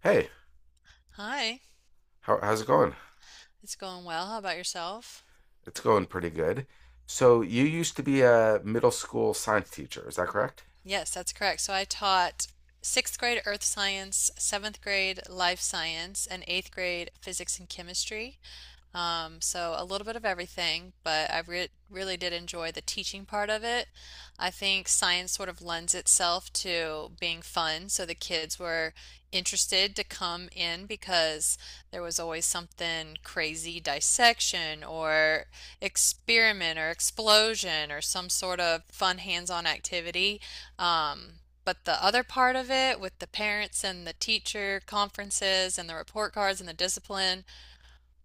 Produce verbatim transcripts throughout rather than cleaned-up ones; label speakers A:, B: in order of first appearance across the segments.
A: Hey,
B: Hi,
A: how, how's it going?
B: it's going well. How about yourself?
A: It's going pretty good. So you used to be a middle school science teacher, is that correct?
B: Yes, that's correct. So I taught sixth grade earth science, seventh grade life science, and eighth grade physics and chemistry. Um, so a little bit of everything, but I re really did enjoy the teaching part of it. I think science sort of lends itself to being fun, so the kids were interested to come in because there was always something crazy dissection or experiment or explosion or some sort of fun hands-on activity. Um, But the other part of it with the parents and the teacher conferences and the report cards and the discipline,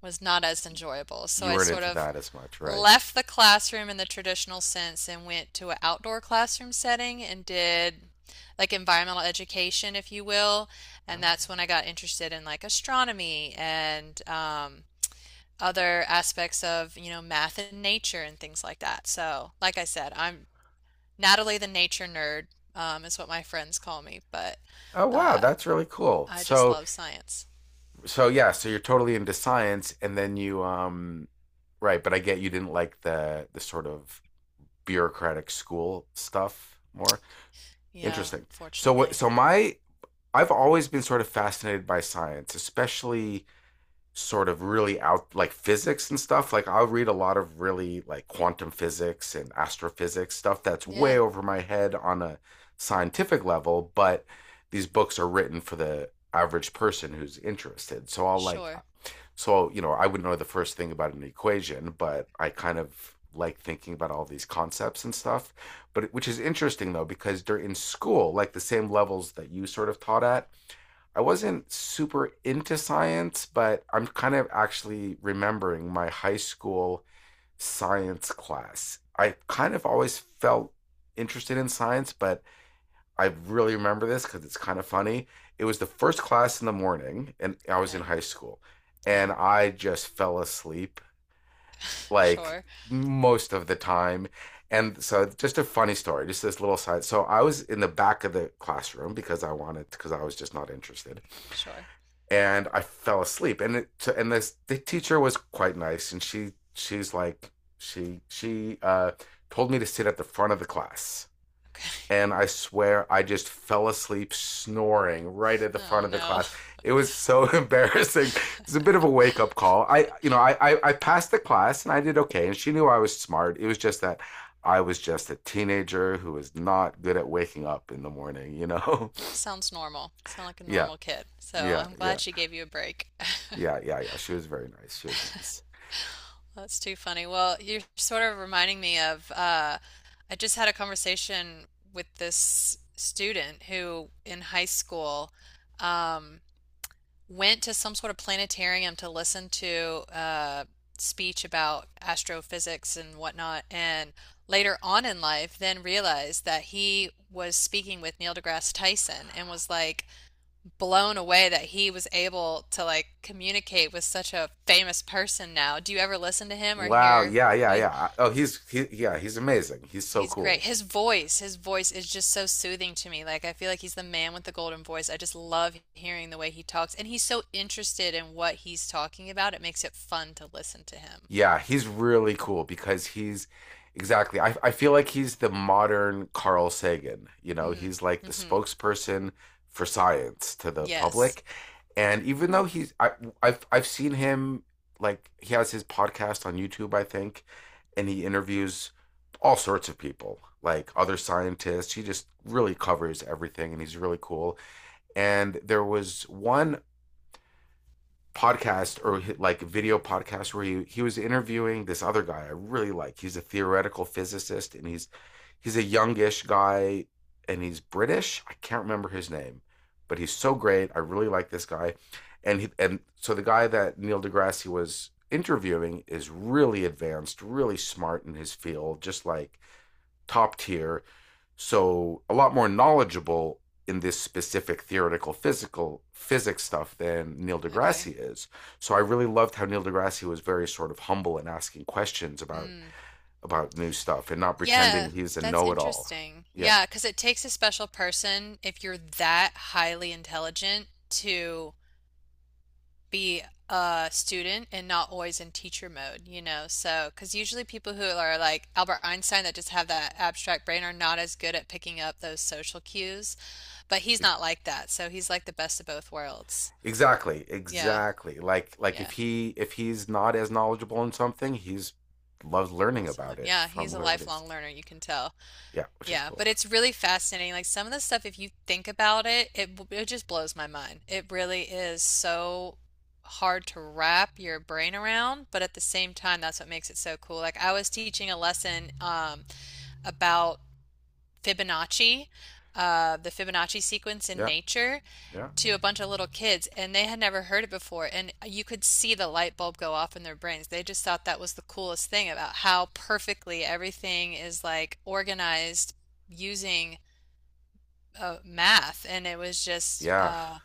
B: was not as enjoyable. So
A: You
B: I
A: weren't
B: sort
A: into
B: of
A: that as much, right?
B: left the classroom in the traditional sense and went to an outdoor classroom setting and did like environmental education, if you will. And
A: Ah.
B: that's when I got interested in like astronomy and um, other aspects of, you know, math and nature and things like that. So, like I said, I'm Natalie the nature nerd, um, is what my friends call me, but
A: Oh wow,
B: uh,
A: that's really cool.
B: I just
A: So
B: love science.
A: so yeah, so you're totally into science and then you um right, but I get you didn't like the the sort of bureaucratic school stuff more.
B: Yeah,
A: Interesting. So what
B: unfortunately.
A: so my I've always been sort of fascinated by science, especially sort of really out like physics and stuff. Like I'll read a lot of really like quantum physics and astrophysics stuff that's way
B: Yeah,
A: over my head on a scientific level, but these books are written for the average person who's interested. So I'll like
B: sure.
A: so, you know, I would not know the first thing about an equation, but I kind of like thinking about all these concepts and stuff. But which is interesting though, because during in school, like the same levels that you sort of taught at, I wasn't super into science, but I'm kind of actually remembering my high school science class. I kind of always felt interested in science, but I really remember this because it's kind of funny. It was the first class in the morning, and I was in
B: Okay.
A: high school,
B: Yeah.
A: and I just fell asleep like
B: Sure,
A: most of the time. And so, just a funny story, just this little side. So, I was in the back of the classroom because I wanted, because I was just not interested,
B: sure.
A: and I fell asleep. And it, so- and this the teacher was quite nice, and she she's like she she uh, told me to sit at the front of the class
B: Okay.
A: and I swear I just fell asleep snoring right at the
B: Oh
A: front of the
B: no.
A: class. It was so embarrassing. It was a bit of a wake up call. I, you know, I, I, I passed the class and I did okay, and she knew I was smart. It was just that I was just a teenager who was not good at waking up in the morning. You know?
B: Sounds normal. Sound like a
A: Yeah,
B: normal kid. So
A: yeah,
B: I'm
A: yeah,
B: glad she gave you a break.
A: yeah, yeah, yeah. She was very nice. She was nice.
B: That's too funny. Well, you're sort of reminding me of uh, I just had a conversation with this student who in high school um, went to some sort of planetarium to listen to a speech about astrophysics and whatnot, and later on in life, then realized that he was speaking with Neil deGrasse Tyson and was like blown away that he was able to like communicate with such a famous person now. Do you ever listen to him or
A: Wow.
B: hear
A: Yeah, yeah,
B: what
A: yeah. Oh, he's he, yeah, he's amazing. He's so
B: He's great.
A: cool.
B: His voice, his voice is just so soothing to me. Like I feel like he's the man with the golden voice. I just love hearing the way he talks, and he's so interested in what he's talking about. It makes it fun to listen to him.
A: Yeah, he's really cool because he's exactly. I, I feel like he's the modern Carl Sagan. You know,
B: Mm.
A: he's like the
B: Mm-hmm.
A: spokesperson for science to the
B: Yes.
A: public. And even though he's, I, I've I've seen him like he has his podcast on YouTube, I think, and he interviews all sorts of people, like other scientists. He just really covers everything, and he's really cool. And there was one podcast or like video podcast where he he was interviewing this other guy I really like. He's a theoretical physicist and he's he's a youngish guy and he's British. I can't remember his name, but he's so great. I really like this guy. And he, and so the guy that Neil deGrasse was interviewing is really advanced, really smart in his field, just like top tier, so a lot more knowledgeable in this specific theoretical physical physics stuff than Neil
B: Okay.
A: deGrasse is. So I really loved how Neil deGrasse was very sort of humble and asking questions about
B: Mm.
A: about new stuff and not
B: Yeah,
A: pretending he's a
B: that's
A: know-it-all.
B: interesting.
A: Yeah.
B: Yeah, because it takes a special person if you're that highly intelligent to be a student and not always in teacher mode, you know? So, because usually people who are like Albert Einstein that just have that abstract brain are not as good at picking up those social cues, but he's
A: e-,
B: not like that. So he's like the best of both worlds.
A: Exactly,
B: Yeah,
A: exactly. Like like
B: yeah.
A: if he if he's not as knowledgeable in something, he's loves
B: He
A: learning
B: wants to learn.
A: about it
B: Yeah,
A: from
B: he's a
A: whoever it is.
B: lifelong learner, you can tell.
A: Yeah, which is
B: Yeah,
A: cool.
B: but it's really fascinating. Like some of the stuff, if you think about it, it b- it just blows my mind. It really is so hard to wrap your brain around, but at the same time, that's what makes it so cool. Like I was teaching a lesson um, about Fibonacci, uh, the Fibonacci sequence in
A: Yeah,
B: nature,
A: yeah,
B: to a bunch of little kids, and they had never heard it before. And you could see the light bulb go off in their brains. They just thought that was the coolest thing about how perfectly everything is like organized using uh, math, and it was just
A: yeah.
B: uh,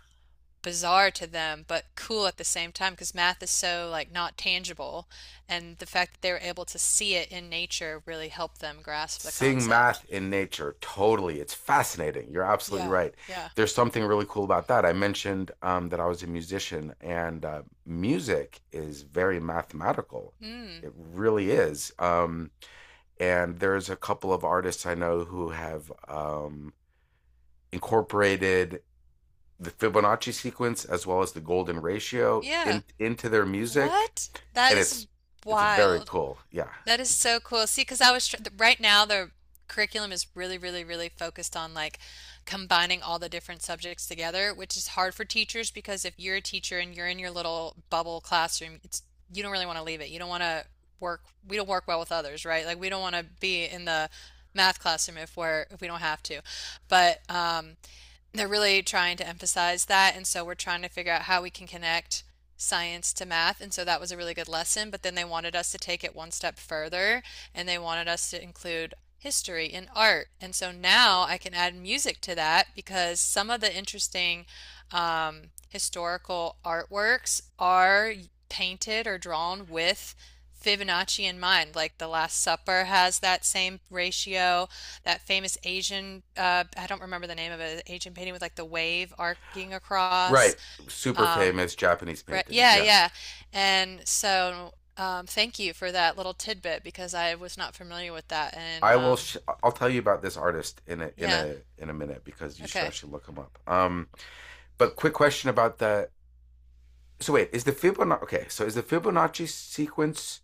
B: bizarre to them, but cool at the same time because math is so like not tangible, and the fact that they were able to see it in nature really helped them grasp the
A: Seeing
B: concept.
A: math in nature totally, it's fascinating, you're absolutely
B: Yeah,
A: right.
B: yeah.
A: There's something really cool about that. I mentioned um, that I was a musician, and uh, music is very mathematical.
B: Hmm.
A: It really is, um, and there's a couple of artists I know who have um, incorporated the Fibonacci sequence as well as the golden ratio
B: Yeah.
A: in, into their music,
B: What? That
A: and
B: is
A: it's it's very
B: wild.
A: cool. Yeah,
B: That is
A: it's
B: so cool. See, because I was tr right now the curriculum is really, really, really focused on like combining all the different subjects together, which is hard for teachers because if you're a teacher and you're in your little bubble classroom, it's you don't really want to leave it. You don't want to work. We don't work well with others, right? Like we don't want to be in the math classroom if we're if we don't have to. But um, they're really trying to emphasize that. And so we're trying to figure out how we can connect science to math. And so that was a really good lesson. But then they wanted us to take it one step further and they wanted us to include history and art. And so now I can add music to that because some of the interesting um, historical artworks are painted or drawn with Fibonacci in mind. Like The Last Supper has that same ratio, that famous Asian, uh, I don't remember the name of it, Asian painting with like the wave arcing across.
A: right. Super
B: Um,
A: famous Japanese
B: re-
A: painting,
B: yeah,
A: yeah.
B: yeah. And so, um, thank you for that little tidbit because I was not familiar with that. And
A: I will.
B: um,
A: Sh- I'll tell you about this artist in a in
B: yeah,
A: a in a minute because you should
B: okay.
A: actually look him up. Um, but quick question about the. So wait, is the Fibonacci okay? So is the Fibonacci sequence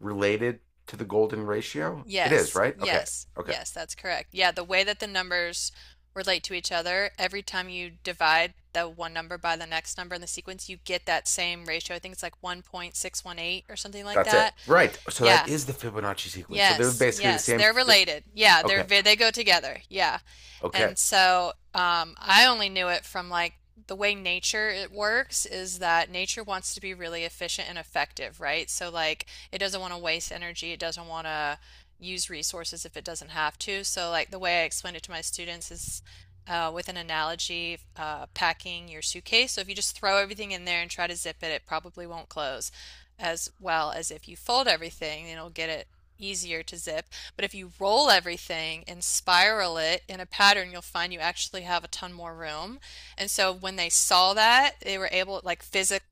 A: related to the golden ratio? It is,
B: Yes,
A: right? Okay,
B: yes,
A: okay,
B: yes, that's correct. Yeah, the way that the numbers relate to each other, every time you divide the one number by the next number in the sequence, you get that same ratio. I think it's like one point six one eight or something like
A: that's it.
B: that.
A: Right. So that
B: Yeah.
A: is the Fibonacci sequence. So they're
B: Yes,
A: basically the
B: yes,
A: same.
B: they're
A: Th-
B: related. Yeah, they're
A: okay,
B: ve- they go together. Yeah.
A: okay.
B: And so um, I only knew it from like the way nature it works is that nature wants to be really efficient and effective, right? So like it doesn't want to waste energy, it doesn't want to use resources if it doesn't have to. So like the way I explain it to my students is uh, with an analogy, uh, packing your suitcase. So if you just throw everything in there and try to zip it, it probably won't close as well as if you fold everything, and it'll get it easier to zip. But if you roll everything and spiral it in a pattern, you'll find you actually have a ton more room. And so when they saw that, they were able, like physically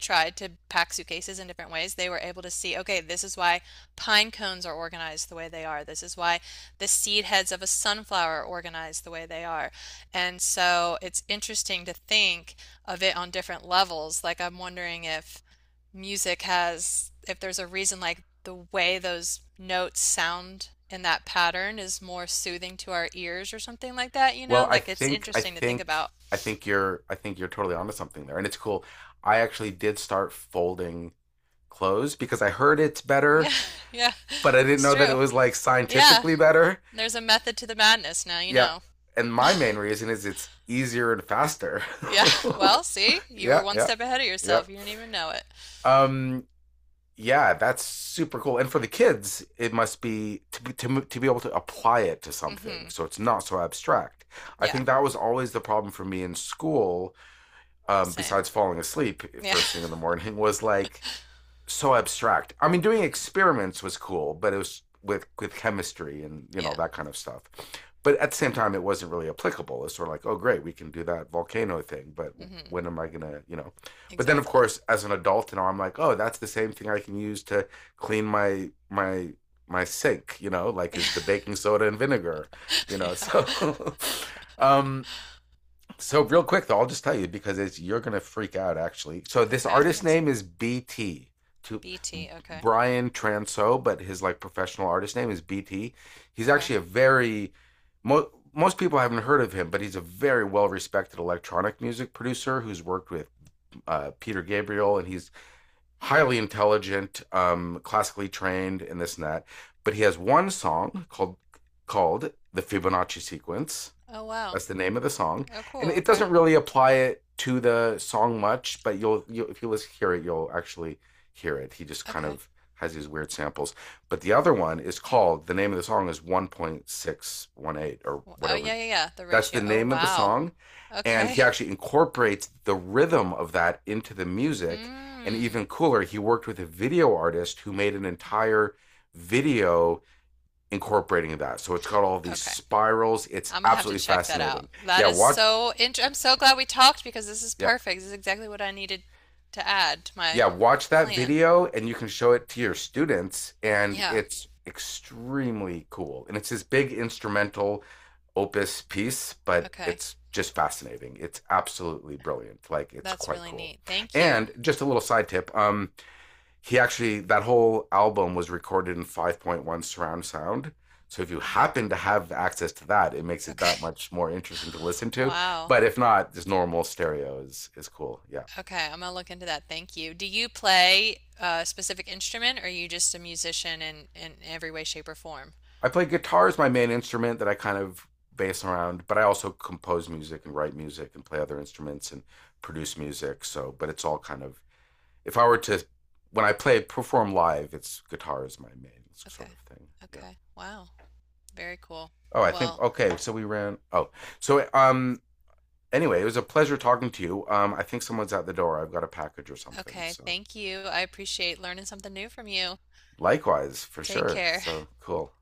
B: tried to pack suitcases in different ways. They were able to see, okay, this is why pine cones are organized the way they are. This is why the seed heads of a sunflower are organized the way they are. And so it's interesting to think of it on different levels. Like I'm wondering if music has, if there's a reason, like the way those notes sound in that pattern is more soothing to our ears or something like that, you
A: Well,
B: know?
A: I
B: Like it's
A: think I
B: interesting to think
A: think
B: about.
A: I think you're I think you're totally onto something there, and it's cool. I actually did start folding clothes because I heard it's
B: Yeah,
A: better,
B: yeah,
A: but I didn't
B: it's
A: know that it
B: true.
A: was like
B: Yeah,
A: scientifically better.
B: there's a method to the madness now, you
A: Yeah.
B: know.
A: And my main reason is it's easier and faster.
B: Yeah, well, see, you were
A: Yeah,
B: one
A: yeah.
B: step ahead of
A: Yeah.
B: yourself. You didn't even know it.
A: Um yeah, that's super cool. And for the kids, it must be to be, to to be able to apply it to
B: Mm-hmm.
A: something, so it's not so abstract. I
B: Yeah,
A: think that was always the problem for me in school. Um,
B: same.
A: besides falling asleep
B: Yeah.
A: first thing in the morning, was like so abstract. I mean, doing
B: Mm-hmm.
A: experiments was cool, but it was with with chemistry and you know
B: Yeah.
A: that kind of stuff. But at the same time, it wasn't really applicable. It's sort of like, oh, great, we can do that volcano thing, but
B: Mm-hmm.
A: when am I gonna, you know? But then, of
B: Exactly.
A: course, as an adult, you know, I'm like, oh, that's the same thing I can use to clean my my my sink, you know, like is the baking soda and vinegar, you know.
B: Yeah.
A: So, um, so real quick though, I'll just tell you because it's you're gonna freak out actually. So this
B: Okay, I'm
A: artist name
B: excited.
A: is B T to
B: B T. Okay.
A: Brian Transo, but his like professional artist name is B T. He's
B: Okay.
A: actually a very mo- most people haven't heard of him, but he's a very well respected electronic music producer who's worked with uh, Peter Gabriel, and he's highly intelligent, um, classically trained, and this and that. But he has one song called called the Fibonacci Sequence,
B: Oh, wow.
A: that's the name of the song,
B: Oh,
A: and
B: cool.
A: it
B: Okay.
A: doesn't really apply it to the song much, but you'll, you'll if you listen hear it, you'll actually hear it. He just kind
B: Okay.
A: of has these weird samples. But the other one is called, the name of the song is one point six one eight or
B: W- Oh,
A: whatever.
B: yeah, yeah, yeah. The
A: That's the
B: ratio. Oh,
A: name of the
B: wow.
A: song, and he
B: Okay.
A: actually incorporates the rhythm of that into the music. And
B: Mm.
A: even cooler, he worked with a video artist who made an entire video incorporating that. So it's got all these
B: Okay.
A: spirals. It's
B: I'm gonna have to
A: absolutely
B: check that out.
A: fascinating.
B: That
A: Yeah,
B: is
A: watch
B: so int- I'm so glad we talked because this is
A: yeah.
B: perfect. This is exactly what I needed to add to my
A: Yeah, watch that
B: plan.
A: video and you can show it to your students and
B: Yeah.
A: it's extremely cool. And it's this big instrumental opus piece, but
B: Okay.
A: it's just fascinating. It's absolutely brilliant. Like it's
B: That's
A: quite
B: really
A: cool.
B: neat. Thank you.
A: And just a little side tip, um he actually that whole album was recorded in five point one surround sound, so if you
B: Okay.
A: happen to have access to that, it makes it that
B: Okay.
A: much more interesting to listen to.
B: Wow.
A: But if not, just normal stereo is is cool. Yeah,
B: Okay. I'm gonna look into that. Thank you. Do you play a specific instrument or are you just a musician in in every way, shape, or form?
A: I play guitar as my main instrument that I kind of base around, but I also compose music and write music and play other instruments and produce music. So but it's all kind of, if I were to, when I play perform live, it's guitar is my main sort
B: Okay.
A: of thing, yeah.
B: Okay. Wow. Very cool.
A: oh I think
B: Well,
A: Okay, so we ran, oh so um anyway, it was a pleasure talking to you. Um, I think someone's at the door. I've got a package or something.
B: okay.
A: So
B: Thank you. I appreciate learning something new from you.
A: likewise, for
B: Take
A: sure.
B: care.
A: So cool.